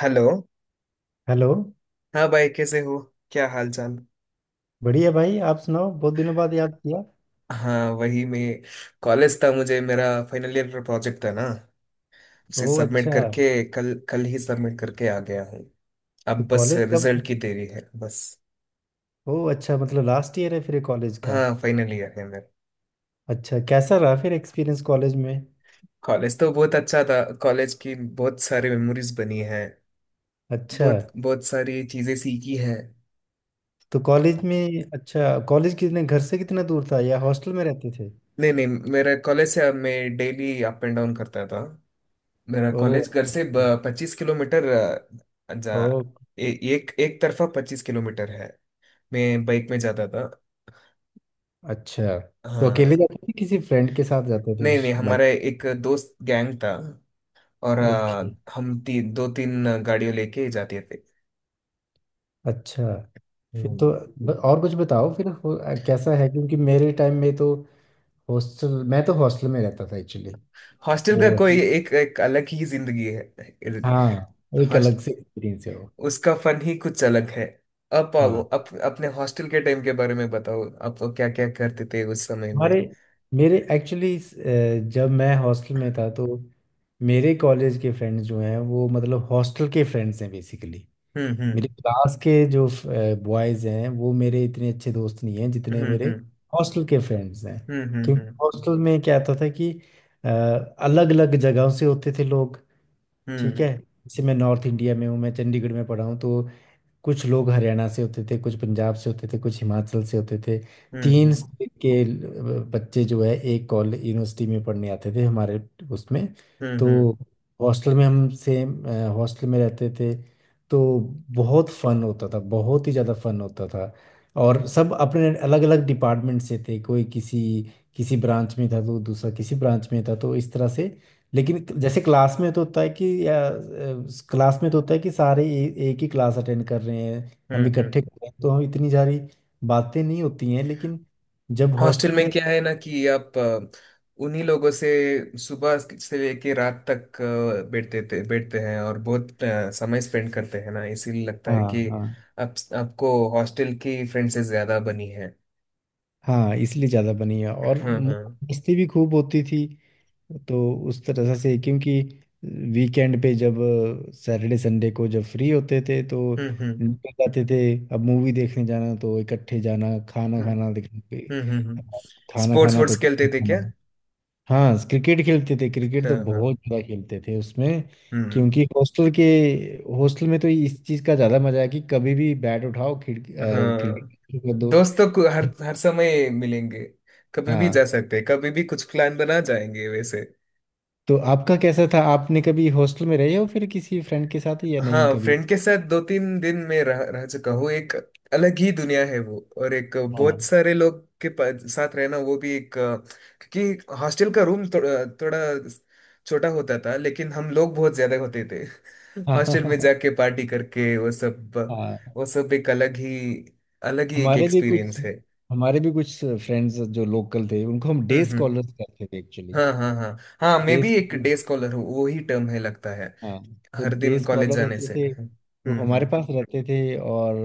Hello. Hello. हाँ भाई, कैसे हो? क्या हाल चाल? बढ़िया भाई, आप सुनाओ, बहुत दिनों बाद याद किया। हाँ, वही, मैं कॉलेज था, मुझे मेरा फाइनल ईयर का प्रोजेक्ट था ना, उसे ओह सबमिट अच्छा। करके कल कल ही सबमिट करके आ गया हूँ। तो अब बस कॉलेज कब। रिजल्ट की देरी है, बस। ओह अच्छा, मतलब लास्ट ईयर है फिर कॉलेज का। हाँ, फाइनल ईयर है मेरा। अच्छा, कैसा रहा फिर एक्सपीरियंस कॉलेज में। कॉलेज तो बहुत अच्छा था, कॉलेज की बहुत सारी मेमोरीज बनी है। अच्छा, बहुत बहुत सारी चीजें सीखी है। तो कॉलेज में अच्छा, कॉलेज कितने घर से कितना दूर था या हॉस्टल में रहते थे। नहीं नहीं, मेरा कॉलेज से अब मैं डेली अप एंड डाउन करता था। मेरा ओह कॉलेज घर से अच्छा, 25 किलोमीटर, अ, जा ओह एक एक तरफा 25 किलोमीटर है। मैं बाइक में जाता था। अच्छा, तो अकेले हाँ। जाते थे किसी फ्रेंड के साथ जाते थे नहीं नहीं, बाइक। हमारा एक दोस्त गैंग था, और ओके, हम दो तीन गाड़ियों लेके जाते थे। अच्छा। फिर तो हम्म। और कुछ बताओ फिर कैसा है, क्योंकि मेरे टाइम में तो हॉस्टल, मैं तो हॉस्टल में रहता था एक्चुअली। हॉस्टल का वो, कोई एक, एक अलग ही जिंदगी है। हाँ, एक हॉस्ट अलग से एक्सपीरियंस है वो। उसका फन ही कुछ अलग है। अब हाँ, अपने हॉस्टल के टाइम के बारे में बताओ, आप क्या क्या करते थे उस समय में? हमारे मेरे एक्चुअली जब मैं हॉस्टल में था तो मेरे कॉलेज के फ्रेंड्स जो हैं वो मतलब हॉस्टल के फ्रेंड्स हैं बेसिकली। हम्म। मेरे क्लास के जो बॉयज़ हैं वो मेरे इतने अच्छे दोस्त नहीं हैं जितने मेरे हम्म। हॉस्टल के फ्रेंड्स हैं। हम्म। क्योंकि हॉस्टल में क्या होता था कि अलग अलग जगहों से होते थे लोग। ठीक हम्म है, जैसे मैं नॉर्थ इंडिया में हूँ, मैं चंडीगढ़ में पढ़ा हूँ, तो कुछ लोग हरियाणा से होते थे, कुछ पंजाब से होते थे, कुछ हिमाचल से होते थे। हम्म। तीन स्टेट के बच्चे जो है एक कॉलेज यूनिवर्सिटी में पढ़ने आते थे हमारे उसमें। तो हम्म। हॉस्टल में हम सेम हॉस्टल में रहते थे, तो बहुत फन होता था, बहुत ही ज़्यादा फन होता था। और सब अपने अलग अलग डिपार्टमेंट से थे, कोई किसी किसी ब्रांच में था तो दूसरा किसी ब्रांच में था, तो इस तरह से। लेकिन जैसे क्लास में तो होता है कि क्लास में तो होता है कि सारे एक ही क्लास अटेंड कर रहे हैं, हम्म, हम हम्म। इकट्ठे कर रहे हैं, तो हम इतनी सारी बातें नहीं होती हैं। लेकिन जब हॉस्टल हॉस्टल में में रह, क्या है ना, कि आप उन्हीं लोगों से सुबह से लेके रात तक बैठते थे, बैठते हैं, और बहुत समय स्पेंड करते हैं ना, इसीलिए लगता है हाँ कि हाँ आप, आपको हॉस्टल की फ्रेंड से ज्यादा बनी है। हाँ, इसलिए ज़्यादा बनी है और हाँ हाँ। मस्ती भी खूब होती थी। तो उस तरह से, क्योंकि वीकेंड पे जब सैटरडे संडे को जब फ्री होते थे तो हम्म। निकल जाते थे। अब मूवी देखने जाना तो इकट्ठे जाना, खाना हम्म खाना देखने पे, हम्म। खाना स्पोर्ट्स खाना तो वोर्ट्स खेलते इकट्ठे थे क्या? खाना। हाँ, क्रिकेट खेलते थे, क्रिकेट तो हाँ हाँ। बहुत ज़्यादा खेलते थे उसमें। हम्म। क्योंकि हॉस्टल में तो इस चीज़ का ज़्यादा मज़ा है कि कभी भी बैट उठाओ, खिड़की क्रिकेट हाँ, शुरू कर दो। दोस्तों को हर हर समय मिलेंगे, कभी भी जा हाँ, सकते हैं, कभी भी कुछ प्लान बना जाएंगे वैसे। तो आपका कैसा था, आपने कभी हॉस्टल में रहे हो फिर किसी फ्रेंड के साथ या नहीं हाँ, कभी। फ्रेंड के साथ दो तीन दिन में रह रह चुका हूँ। एक अलग ही दुनिया है वो, और एक बहुत हाँ सारे लोग के साथ रहना वो भी एक क्योंकि हॉस्टल का रूम थोड़ा थोड़ा छोटा होता था, लेकिन हम लोग बहुत ज्यादा होते थे। हाँ हाँ हॉस्टल में हाँ जाके पार्टी करके, वो सब, हाँ। वो सब एक अलग ही, अलग ही एक हमारे भी कुछ एक्सपीरियंस है। हमारे भी कुछ फ्रेंड्स जो लोकल थे उनको हम डे हम्म। स्कॉलर्स कहते थे एक्चुअली। हाँ हाँ हाँ। हाँ, मैं डे भी एक डे स्कॉलर हूँ, वो ही टर्म है लगता है। हाँ, तो हर डे दिन कॉलेज स्कॉलर जाने होते से। थे तो हमारे हम्म। पास रहते थे, और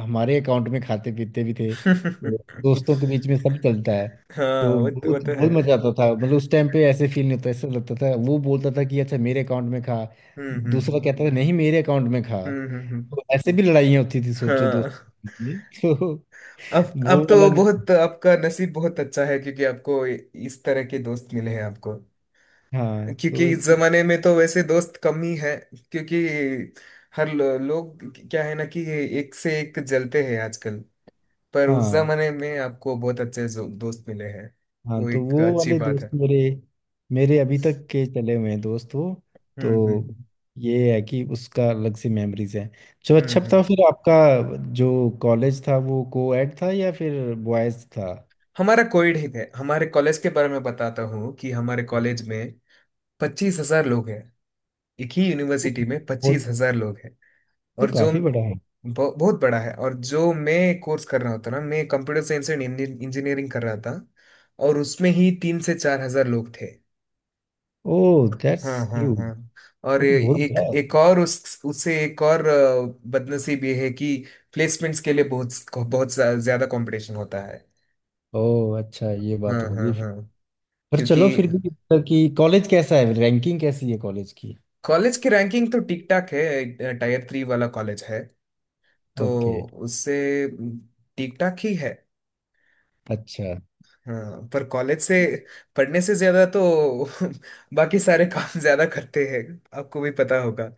हमारे अकाउंट में खाते पीते भी थे तो हम्म। दोस्तों के बीच में सब चलता है। हाँ, तो वो बहुत तो है। बहुत मजा आता था, मतलब उस टाइम पे ऐसे फील नहीं होता, ऐसा लगता था वो बोलता था कि अच्छा मेरे अकाउंट में खा, हम्म दूसरा हम्म कहता था नहीं मेरे अकाउंट में खा। हम्म। तो ऐसे भी लड़ाइयाँ होती थी, सोचो, हाँ। दोस्तों के बीच में तो अब वो वाला तो नहीं। बहुत आपका नसीब बहुत अच्छा है, क्योंकि आपको इस तरह के दोस्त मिले हैं आपको। हाँ क्योंकि तो, इस जमाने में तो वैसे दोस्त कम ही हैं, क्योंकि हर लोग क्या है ना, कि एक से एक जलते हैं आजकल। पर उस हाँ जमाने में आपको बहुत अच्छे दोस्त मिले हैं, हाँ, वो तो एक वो अच्छी वाले बात दोस्त है। मेरे, मेरे अभी तक के चले हुए हैं दोस्त वो। तो हम्म। ये है कि उसका अलग से मेमोरीज हैं। चलो अच्छा हम्म। बताओ फिर आपका जो कॉलेज था वो को एड था या फिर बॉयज था। हमारा कोविड ही है, हमारे कॉलेज के बारे में बताता हूँ, कि हमारे कॉलेज में 25 हजार लोग हैं, एक ही वो यूनिवर्सिटी में वो 25 हजार लोग हैं। तो और जो काफी बड़ा है। बहुत बड़ा है, और जो मैं कोर्स कर रहा होता ना, मैं कंप्यूटर साइंस एंड इंजीनियरिंग कर रहा था, और उसमें ही 3 से 4 हजार लोग थे। ओह दैट्स हाँ हाँ ह्यूज, हाँ। और वो तो बहुत एक बड़ा एक है। और, उस उससे एक और बदनसीब ये है कि प्लेसमेंट्स के लिए बहुत, बहुत ज्यादा कंपटीशन होता है। ओह अच्छा, ये हाँ बात हाँ होगी फिर। हाँ। पर क्योंकि चलो, फिर भी मतलब कि कॉलेज कैसा है, रैंकिंग कैसी है कॉलेज की। कॉलेज की रैंकिंग तो ठीक ठाक है, टायर थ्री वाला कॉलेज है, तो ओके, उससे ठीक ठाक ही है। अच्छा। हाँ, पर कॉलेज से पढ़ने से ज्यादा तो बाकी सारे काम ज्यादा करते हैं, आपको भी पता होगा।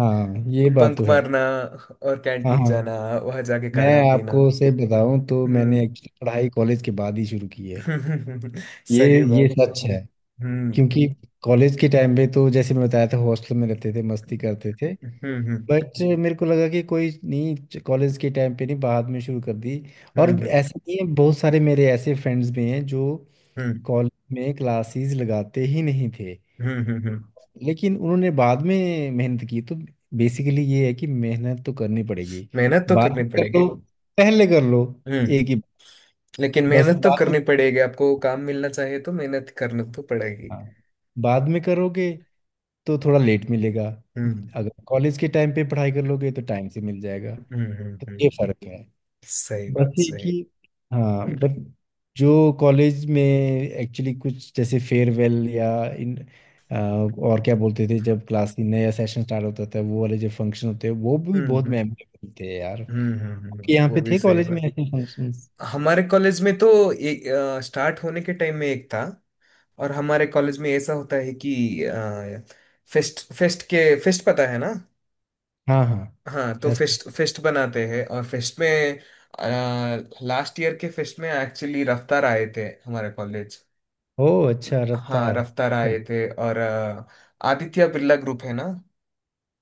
हाँ, ये बात तो बंक है। मारना और हाँ कैंटीन हाँ, जाना, वहां जाके मैं खाना पीना। आपको से बताऊं तो मैंने हम्म। एक्चुअली पढ़ाई कॉलेज के बाद ही शुरू की है। ये सही ये बात। सच है, हम्म क्योंकि कॉलेज के टाइम पे तो जैसे मैं बताया था हॉस्टल में रहते थे, मस्ती करते थे। हम्म। बट मेरे को लगा कि कोई नहीं, कॉलेज के टाइम पे नहीं बाद में शुरू कर दी। हम्म। और हम्म। ऐसे नहीं है, बहुत सारे मेरे ऐसे फ्रेंड्स भी हैं जो हम्म। कॉलेज में क्लासेस लगाते ही नहीं थे, हम्म। लेकिन उन्होंने बाद में मेहनत की। तो बेसिकली ये है कि मेहनत तो करनी पड़ेगी, मेहनत तो बाद करनी में कर पड़ेगी। लो पहले कर लो, हम्म। एक ही। लेकिन बस मेहनत तो बाद में, करनी पड़ेगी, आपको काम मिलना चाहिए तो मेहनत करनी तो पड़ेगी। हाँ, बाद में करोगे तो थोड़ा लेट मिलेगा, हम्म अगर कॉलेज के टाइम पे पढ़ाई कर लोगे तो टाइम से मिल जाएगा। हम्म। तो हम्म। ये फर्क है। सही बस बात, ये सही। कि हाँ, बट जो कॉलेज में एक्चुअली कुछ जैसे फेयरवेल या अ, और क्या बोलते थे, जब क्लास की नया सेशन स्टार्ट होता था वो वाले जो फंक्शन होते हैं वो भी बहुत हम्म। मेमोरेबल थे यार। आपके यहाँ वो पे भी थे सही कॉलेज में बात। ऐसे फंक्शंस। हमारे कॉलेज में तो ए, स्टार्ट होने के टाइम में एक था, और हमारे कॉलेज में ऐसा होता है कि फेस्ट, फेस्ट के, फेस्ट पता है ना? हाँ हाँ, हाँ, तो फेस्ट। फेस्ट फेस्ट बनाते हैं, और फेस्ट में, लास्ट ईयर के फेस्ट में एक्चुअली रफ्तार आए थे हमारे कॉलेज। ओ अच्छा, हाँ, रफ्तार। रफ्तार आए थे, और आदित्य बिरला ग्रुप है ना?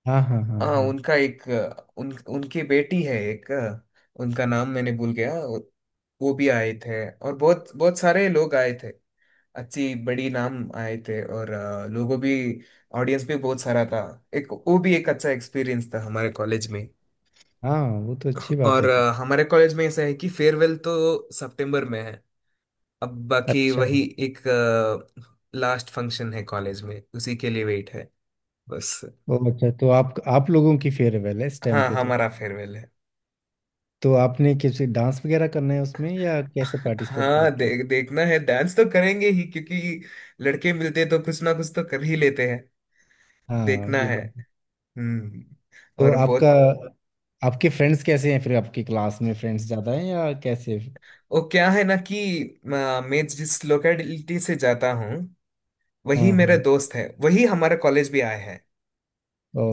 हाँ हाँ हाँ हाँ, हाँ उनका एक उन, उनकी बेटी है, एक उनका नाम मैंने भूल गया। वो भी आए थे, और बहुत बहुत सारे लोग आए थे। अच्छी बड़ी नाम आए थे, और लोगों भी, ऑडियंस भी बहुत सारा था। एक वो भी एक अच्छा एक्सपीरियंस था हमारे कॉलेज में। हाँ, वो तो अच्छी बात और है। हमारे कॉलेज में ऐसा है कि फेयरवेल तो सितंबर में है, अब बाकी अच्छा, वही एक लास्ट फंक्शन है कॉलेज में, उसी के लिए वेट है बस। ओ अच्छा, तो आप लोगों की फेयरवेल है इस टाइम हाँ, पे तो। हमारा फेयरवेल है। तो आपने किसी डांस वगैरह करना है उसमें या कैसे पार्टिसिपेट हाँ, करते हो। देखना है, डांस तो करेंगे ही, क्योंकि लड़के मिलते तो कुछ ना कुछ तो कर ही लेते हैं। हाँ, देखना ये है। बात है। हम्म। तो और आपका बहुत, आपके फ्रेंड्स कैसे हैं फिर, आपकी क्लास में फ्रेंड्स ज़्यादा हैं या कैसे। वो क्या है ना कि मैं जिस लोकेलिटी से जाता हूँ, वही हाँ मेरा हाँ, दोस्त है, वही हमारा कॉलेज भी आया है।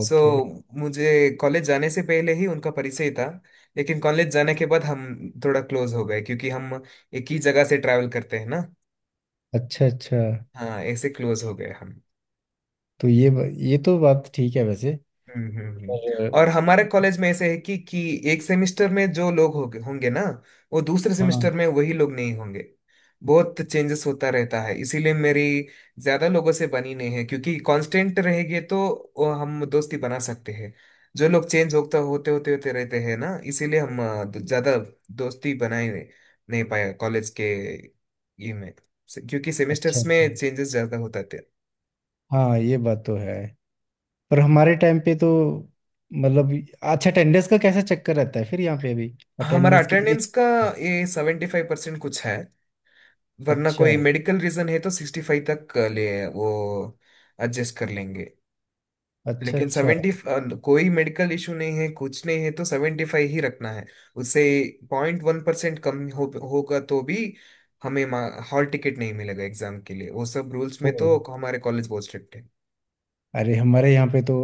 सो मुझे कॉलेज जाने से पहले ही उनका परिचय था, लेकिन कॉलेज जाने के बाद हम थोड़ा क्लोज हो गए, क्योंकि हम एक ही जगह से ट्रैवल करते हैं ना। अच्छा अच्छा, हाँ, ऐसे क्लोज हो गए हम। तो ये तो बात ठीक है वैसे। हम्म हम्म, हम्म। पर और हमारे कॉलेज में ऐसे है कि एक सेमेस्टर में जो लोग होंगे होंगे ना, वो दूसरे हाँ, सेमेस्टर में वही लोग नहीं होंगे। बहुत चेंजेस होता रहता है, इसीलिए मेरी ज्यादा लोगों से बनी नहीं है, क्योंकि कांस्टेंट रहेंगे तो वो हम दोस्ती बना सकते हैं। जो लोग चेंज होता होते होते होते रहते हैं ना, इसीलिए हम ज्यादा दोस्ती बनाए नहीं पाया कॉलेज के, ये में। क्योंकि अच्छा सेमेस्टर्स अच्छा। में चेंजेस ज्यादा होता थे। हाँ, ये बात तो है। पर हमारे टाइम पे तो, मतलब, अच्छा, अटेंडेंस का कैसा चक्कर रहता है फिर यहाँ पे अभी, हमारा अटेंडेंस कितनी। अटेंडेंस का ये 75% कुछ है, वरना अच्छा कोई मेडिकल रीजन है तो 65 तक ले वो एडजस्ट कर लेंगे। अच्छा लेकिन अच्छा। 70, कोई मेडिकल इशू नहीं है, कुछ नहीं है, तो 75 ही रखना है। उससे 0.1% कम हो होगा तो भी हमें हॉल टिकट नहीं मिलेगा एग्जाम के लिए। वो सब रूल्स में ओ तो हमारे कॉलेज बहुत स्ट्रिक्ट है। अरे, हमारे यहाँ पे तो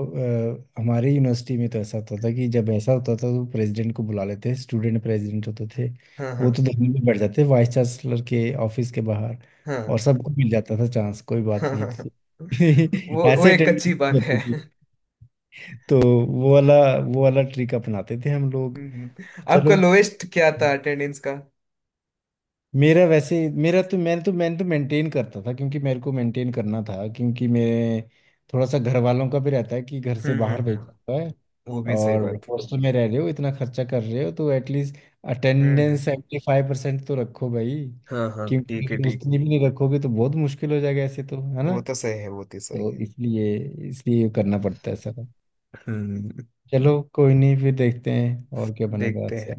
हमारे यूनिवर्सिटी में तो ऐसा होता था कि जब ऐसा होता था तो प्रेसिडेंट को बुला लेते, स्टूडेंट प्रेसिडेंट होते थे, हाँ हाँ वो तो दिल्ली में बैठ जाते वाइस चांसलर के ऑफिस के बाहर हाँ। और सबको मिल जाता था चांस, कोई हाँ बात हाँ नहीं थी। हाँ। वो ऐसे एक अटेंडेंस अच्छी बात है। होती थी तो वो वाला ट्रिक अपनाते थे हम लोग। हम्म, हम्म। चलो। आपका लोएस्ट क्या था अटेंडेंस का? मेरा वैसे मेरा तो, मैंने तो मेंटेन करता था, क्योंकि मेरे को मेंटेन करना था, क्योंकि मेरे थोड़ा सा घर वालों का भी रहता है कि घर से बाहर भेजना हम्म, होता है वो भी सही और बात। हॉस्टल में रह रहे हो, इतना खर्चा कर रहे हो, तो एटलीस्ट हम्म। अटेंडेंस 75% तो रखो भाई। हाँ हाँ, क्योंकि ठीक है अगर ठीक। उतनी भी नहीं रखोगे तो बहुत मुश्किल हो जाएगा, ऐसे तो है ना। वो तो सही है, वो तो सही तो है। इसलिए, इसलिए करना पड़ता है सारा। हम्म। चलो कोई नहीं, फिर देखते हैं और क्या बनेगा देखते आपसे। हैं।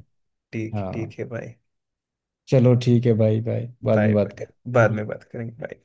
ठीक, हाँ, ठीक है भाई। चलो ठीक है भाई, बाय, बाद बाय, में बात बाय बाद में करें। बात करेंगे। बाय।